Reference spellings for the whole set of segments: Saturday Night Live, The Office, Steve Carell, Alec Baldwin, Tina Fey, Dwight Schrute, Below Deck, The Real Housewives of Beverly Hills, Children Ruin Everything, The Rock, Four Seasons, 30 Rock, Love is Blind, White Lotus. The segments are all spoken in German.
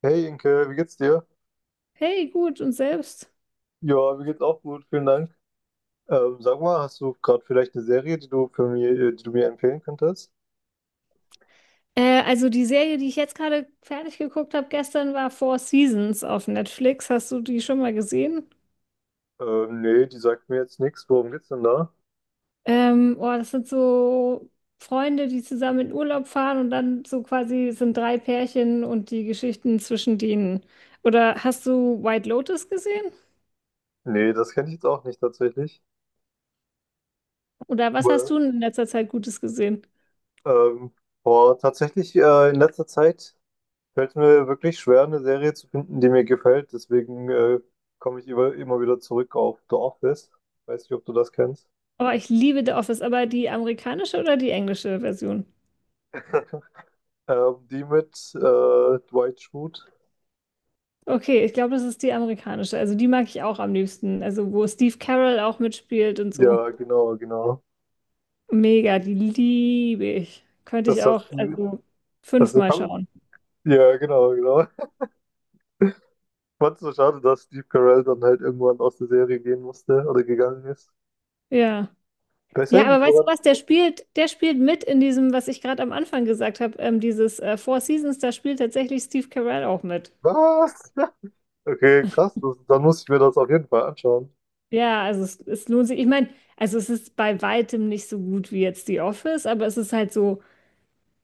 Hey Inke, wie geht's dir? Hey, gut, und selbst? Ja, mir geht's auch gut, vielen Dank. Sag mal, hast du gerade vielleicht eine Serie, die du die du mir empfehlen könntest? Also die Serie, die ich jetzt gerade fertig geguckt habe gestern, war Four Seasons auf Netflix. Hast du die schon mal gesehen? Nee, die sagt mir jetzt nichts. Worum geht's denn da? Oh, das sind so Freunde, die zusammen in Urlaub fahren und dann so quasi es sind drei Pärchen und die Geschichten zwischen denen. Oder hast du White Lotus gesehen? Nee, das kenne ich jetzt auch nicht tatsächlich. Oder was hast Well. du in letzter Zeit Gutes gesehen? Ähm, boah, tatsächlich in letzter Zeit fällt mir wirklich schwer, eine Serie zu finden, die mir gefällt. Deswegen komme ich immer wieder zurück auf The Office. Weiß nicht, ob du das kennst. Oh, ich liebe The Office, aber die amerikanische oder die englische Version? Die mit Dwight Schrute. Okay, ich glaube, das ist die amerikanische. Also die mag ich auch am liebsten. Also wo Steve Carell auch mitspielt und so. Ja, genau, genau. Mega, die liebe ich. Könnte ich Das auch, hast also das fünfmal kam. schauen. Ja, genau, genau. Ich fand's so schade, dass Steve Carell dann halt irgendwann aus der Serie gehen musste oder gegangen ist. Ja. Ich weiß Ja, ich aber nicht, weißt du woran. was, der spielt mit in diesem, was ich gerade am Anfang gesagt habe, dieses Four Seasons, da spielt tatsächlich Steve Carell auch mit. Was? Okay, krass. Dann muss ich mir das auf jeden Fall anschauen. Ja, also es lohnt sich. Ich meine, also es ist bei weitem nicht so gut wie jetzt The Office, aber es ist halt so,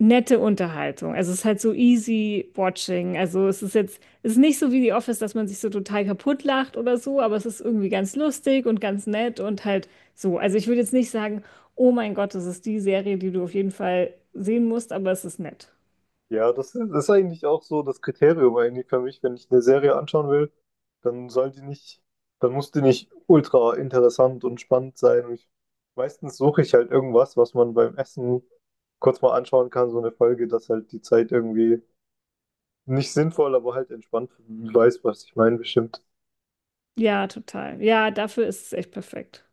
nette Unterhaltung. Also es ist halt so easy watching. Also es ist nicht so wie The Office, dass man sich so total kaputt lacht oder so, aber es ist irgendwie ganz lustig und ganz nett und halt so. Also ich würde jetzt nicht sagen, oh mein Gott, das ist die Serie, die du auf jeden Fall sehen musst, aber es ist nett. Das ist eigentlich auch so das Kriterium eigentlich für mich, wenn ich eine Serie anschauen will, dann soll die nicht, dann muss die nicht ultra interessant und spannend sein. Meistens suche ich halt irgendwas, was man beim Essen kurz mal anschauen kann, so eine Folge, dass halt die Zeit irgendwie nicht sinnvoll, aber halt entspannt, du weißt, was ich meine, bestimmt. Ja, total. Ja, dafür ist es echt perfekt.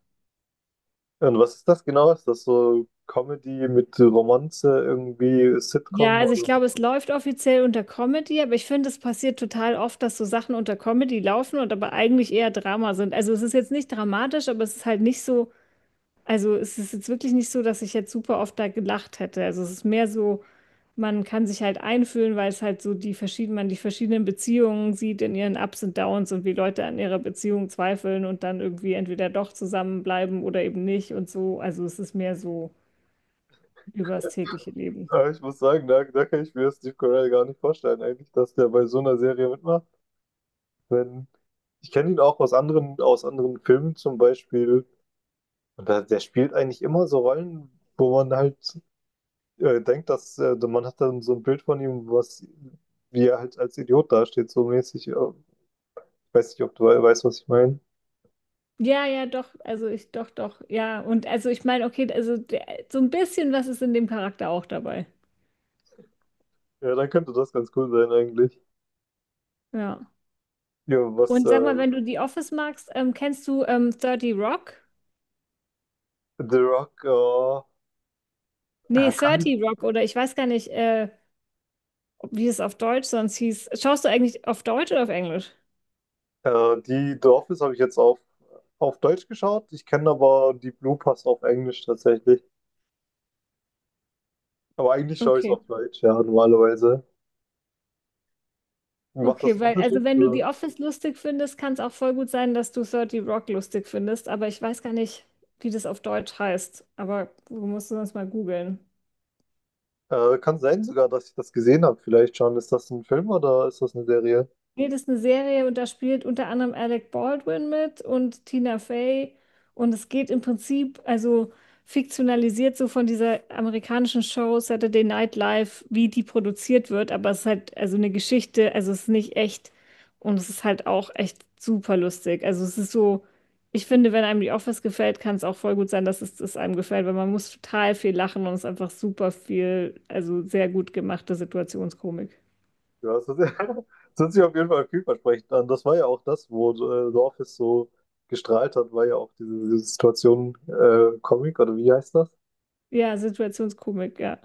Und was ist das genau? Ist das so Comedy mit Romanze, irgendwie Ja, Sitcom also ich oder? glaube, es läuft offiziell unter Comedy, aber ich finde, es passiert total oft, dass so Sachen unter Comedy laufen und aber eigentlich eher Drama sind. Also es ist jetzt nicht dramatisch, aber es ist halt nicht so. Also es ist jetzt wirklich nicht so, dass ich jetzt super oft da gelacht hätte. Also es ist mehr so, man kann sich halt einfühlen, weil es halt so die verschiedenen, man die verschiedenen Beziehungen sieht in ihren Ups und Downs und wie Leute an ihrer Beziehung zweifeln und dann irgendwie entweder doch zusammenbleiben oder eben nicht und so. Also es ist mehr so über das tägliche Leben. Ja, ich muss sagen, da kann ich mir Steve Carell gar nicht vorstellen, eigentlich, dass der bei so einer Serie mitmacht. Wenn, ich kenne ihn auch aus anderen Filmen zum Beispiel. Und da, der spielt eigentlich immer so Rollen, wo man halt denkt, dass man hat dann so ein Bild von ihm, was, wie er halt als Idiot dasteht, so mäßig. Ich weiß nicht, ob du weißt, was ich meine. Ja, ja, doch, also ich, doch, doch, ja. Und also ich meine, okay, also der, so ein bisschen was ist in dem Charakter auch dabei. Ja, dann könnte das ganz cool sein eigentlich. Ja. Ja, was Und sag mal, wenn du The Office magst, kennst du 30 Rock? The Rock Nee, er kann. 30 Rock oder ich weiß gar nicht, wie es auf Deutsch sonst hieß. Schaust du eigentlich auf Deutsch oder auf Englisch? Die The Office habe ich auf Deutsch geschaut. Ich kenne aber die Blue Pass auf Englisch tatsächlich. Aber eigentlich schaue ich es Okay. auf Deutsch, ja, normalerweise. Macht das Okay, einen weil, Unterschied? also wenn du The Oder? Office lustig findest, kann es auch voll gut sein, dass du 30 Rock lustig findest, aber ich weiß gar nicht, wie das auf Deutsch heißt. Aber du musst es sonst mal googeln. Kann sein sogar, dass ich das gesehen habe. Vielleicht schon. Ist das ein Film oder ist das eine Serie? Nee, das ist eine Serie und da spielt unter anderem Alec Baldwin mit und Tina Fey. Und es geht im Prinzip, also fiktionalisiert so von dieser amerikanischen Show Saturday Night Live, wie die produziert wird. Aber es ist halt also eine Geschichte, also es ist nicht echt und es ist halt auch echt super lustig. Also es ist so, ich finde, wenn einem The Office gefällt, kann es auch voll gut sein, dass es einem gefällt, weil man muss total viel lachen und es ist einfach super viel, also sehr gut gemachte Situationskomik. Das hört sich auf jeden Fall vielversprechend an. Das war ja auch das, wo The Office so gestrahlt hat, war ja auch diese Situation Comic oder wie heißt das? Ja, Situationskomik, ja.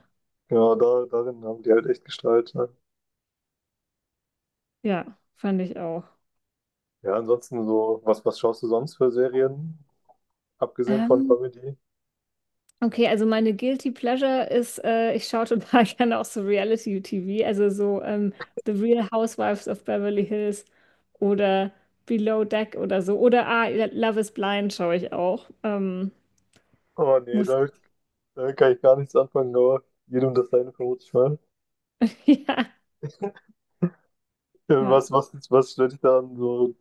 Ja, darin haben die halt echt gestrahlt. Ne? Ja, fand ich auch. Ja, ansonsten so, was schaust du sonst für Serien? Abgesehen von Ähm, Comedy? okay, also meine Guilty Pleasure ist, ich schaue total gerne auch so Reality-TV, also so The Real Housewives of Beverly Hills oder Below Deck oder so. Oder ah, Love is Blind schaue ich auch. Oh nee, muss, damit, damit kann ich gar nichts anfangen, aber jedem das seine vermute ich mal. ja, Ja, ja. Was stört dich daran so?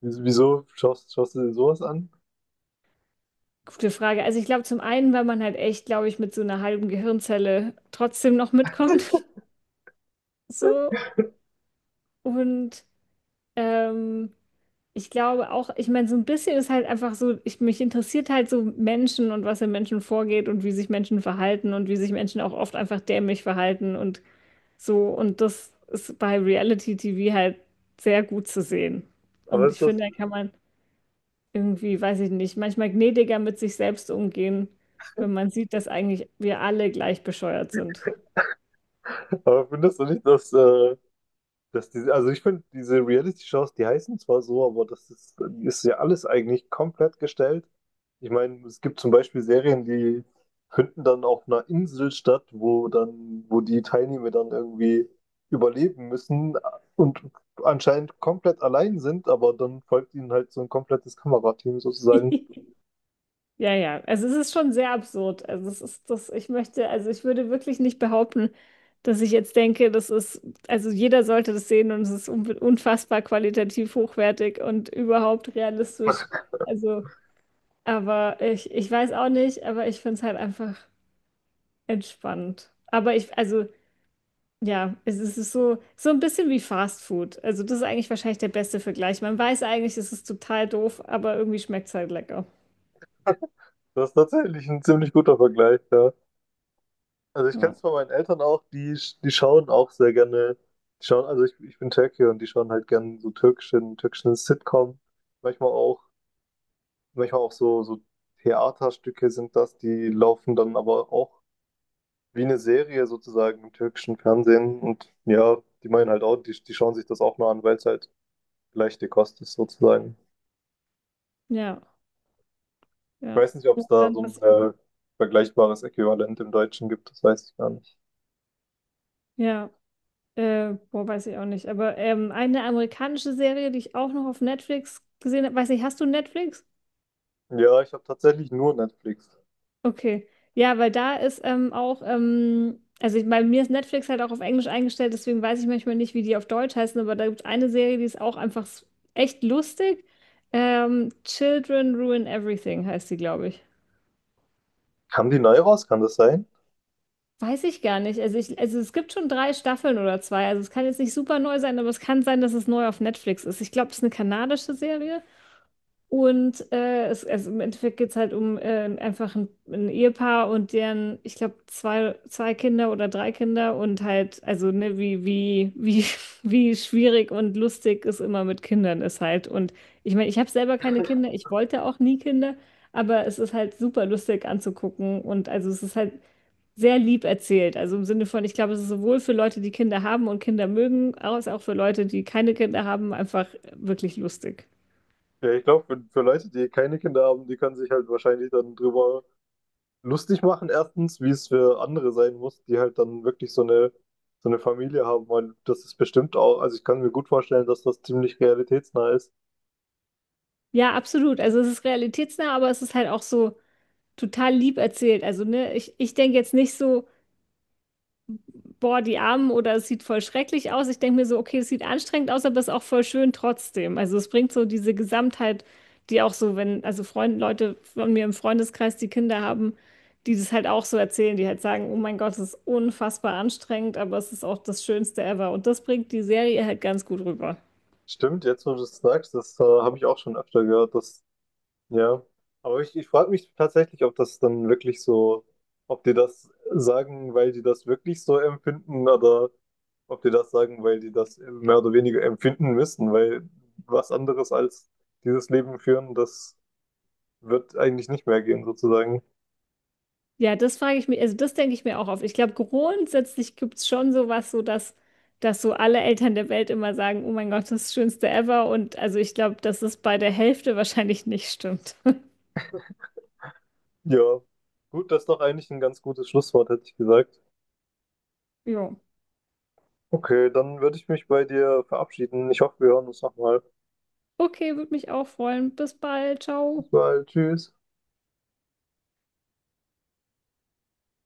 Wieso schaust du dir sowas an? Gute Frage. Also ich glaube zum einen, weil man halt echt, glaube ich, mit so einer halben Gehirnzelle trotzdem noch mitkommt. So. Und Ähm, ich glaube auch, ich meine, so ein bisschen ist halt einfach so, ich, mich interessiert halt so Menschen und was in Menschen vorgeht und wie sich Menschen verhalten und wie sich Menschen auch oft einfach dämlich verhalten und so. Und das ist bei Reality-TV halt sehr gut zu sehen. Aber Und ist ich das, finde, da kann man irgendwie, weiß ich nicht, manchmal gnädiger mit sich selbst umgehen, wenn man sieht, dass eigentlich wir alle gleich bescheuert sind. aber findest du nicht, dass diese, also ich finde, diese Reality-Shows, die heißen zwar so, aber ist ja alles eigentlich komplett gestellt. Ich meine, es gibt zum Beispiel Serien, die finden dann auf einer Insel statt, wo die Teilnehmer dann irgendwie überleben müssen und anscheinend komplett allein sind, aber dann folgt ihnen halt so ein komplettes Kamerateam sozusagen. Ja, ja. Also es ist schon sehr absurd. Also es ist das, ich möchte, also ich würde wirklich nicht behaupten, dass ich jetzt denke, das ist, also jeder sollte das sehen und es ist unfassbar qualitativ hochwertig und überhaupt realistisch. Also, aber ich weiß auch nicht, aber ich finde es halt einfach entspannend. Aber ich, also ja, es ist so, so ein bisschen wie Fast Food. Also das ist eigentlich wahrscheinlich der beste Vergleich. Man weiß eigentlich, es ist total doof, aber irgendwie schmeckt es halt lecker. Das ist tatsächlich ein ziemlich guter Vergleich, ja. Also ich kenne Ja, es von meinen Eltern auch, die schauen auch sehr gerne, also ich bin Türke und die schauen halt gerne so türkischen Sitcom. Manchmal auch, manchmal auch so, so Theaterstücke sind das, die laufen dann aber auch wie eine Serie sozusagen im türkischen Fernsehen. Und ja, die meinen halt auch, die schauen sich das auch mal an, weil es halt leichte Kost ist sozusagen. ja, Ich ja. weiß nicht, ob es Und da dann so passiert ein vergleichbares Äquivalent im Deutschen gibt, das weiß ich gar nicht. ja, boah, weiß ich auch nicht. Aber eine amerikanische Serie, die ich auch noch auf Netflix gesehen habe, weiß nicht, hast du Netflix? Ja, ich habe tatsächlich nur Netflix. Okay. Ja, weil da ist auch, also ich, bei mir ist Netflix halt auch auf Englisch eingestellt, deswegen weiß ich manchmal nicht, wie die auf Deutsch heißen, aber da gibt es eine Serie, die ist auch einfach echt lustig. Children Ruin Everything heißt die, glaube ich. Haben die neu raus? Kann das sein? Weiß ich gar nicht. Also, ich, also es gibt schon drei Staffeln oder zwei. Also es kann jetzt nicht super neu sein, aber es kann sein, dass es neu auf Netflix ist. Ich glaube, es ist eine kanadische Serie. Und also im Endeffekt geht es halt um einfach ein Ehepaar und deren, ich glaube, zwei Kinder oder drei Kinder und halt, also ne, wie wie schwierig und lustig es immer mit Kindern ist halt. Und ich meine, ich habe selber keine Kinder, ich wollte auch nie Kinder, aber es ist halt super lustig anzugucken und also es ist halt sehr lieb erzählt. Also im Sinne von, ich glaube, es ist sowohl für Leute, die Kinder haben und Kinder mögen, als auch für Leute, die keine Kinder haben, einfach wirklich lustig. Ja, ich glaube, für Leute, die keine Kinder haben, die können sich halt wahrscheinlich dann drüber lustig machen, erstens, wie es für andere sein muss, die halt dann wirklich so eine Familie haben, weil das ist bestimmt auch, also ich kann mir gut vorstellen, dass das ziemlich realitätsnah ist. Ja, absolut. Also es ist realitätsnah, aber es ist halt auch so total lieb erzählt. Also, ne, ich denke jetzt nicht so, boah, die Armen oder es sieht voll schrecklich aus. Ich denke mir so, okay, es sieht anstrengend aus, aber es ist auch voll schön trotzdem. Also es bringt so diese Gesamtheit, die auch so, wenn, also Freunde, Leute von mir im Freundeskreis, die Kinder haben, die das halt auch so erzählen, die halt sagen, oh mein Gott, es ist unfassbar anstrengend, aber es ist auch das Schönste ever. Und das bringt die Serie halt ganz gut rüber. Stimmt, jetzt wo du es sagst, das habe ich auch schon öfter gehört, dass ja, aber ich frage mich tatsächlich, ob das dann wirklich so, ob die das sagen, weil die das wirklich so empfinden oder ob die das sagen, weil die das mehr oder weniger empfinden müssen, weil was anderes als dieses Leben führen, das wird eigentlich nicht mehr gehen, sozusagen. Ja, das frage ich mich, also das denke ich mir auch oft. Ich glaube, grundsätzlich gibt es schon sowas, so dass, dass so alle Eltern der Welt immer sagen, oh mein Gott, das ist das Schönste ever. Und also ich glaube, dass es bei der Hälfte wahrscheinlich nicht stimmt. Ja, gut, das ist doch eigentlich ein ganz gutes Schlusswort, hätte ich gesagt. Jo. Okay, dann würde ich mich bei dir verabschieden. Ich hoffe, wir hören uns nochmal. Okay, würde mich auch freuen. Bis bald. Bis Ciao. bald, tschüss.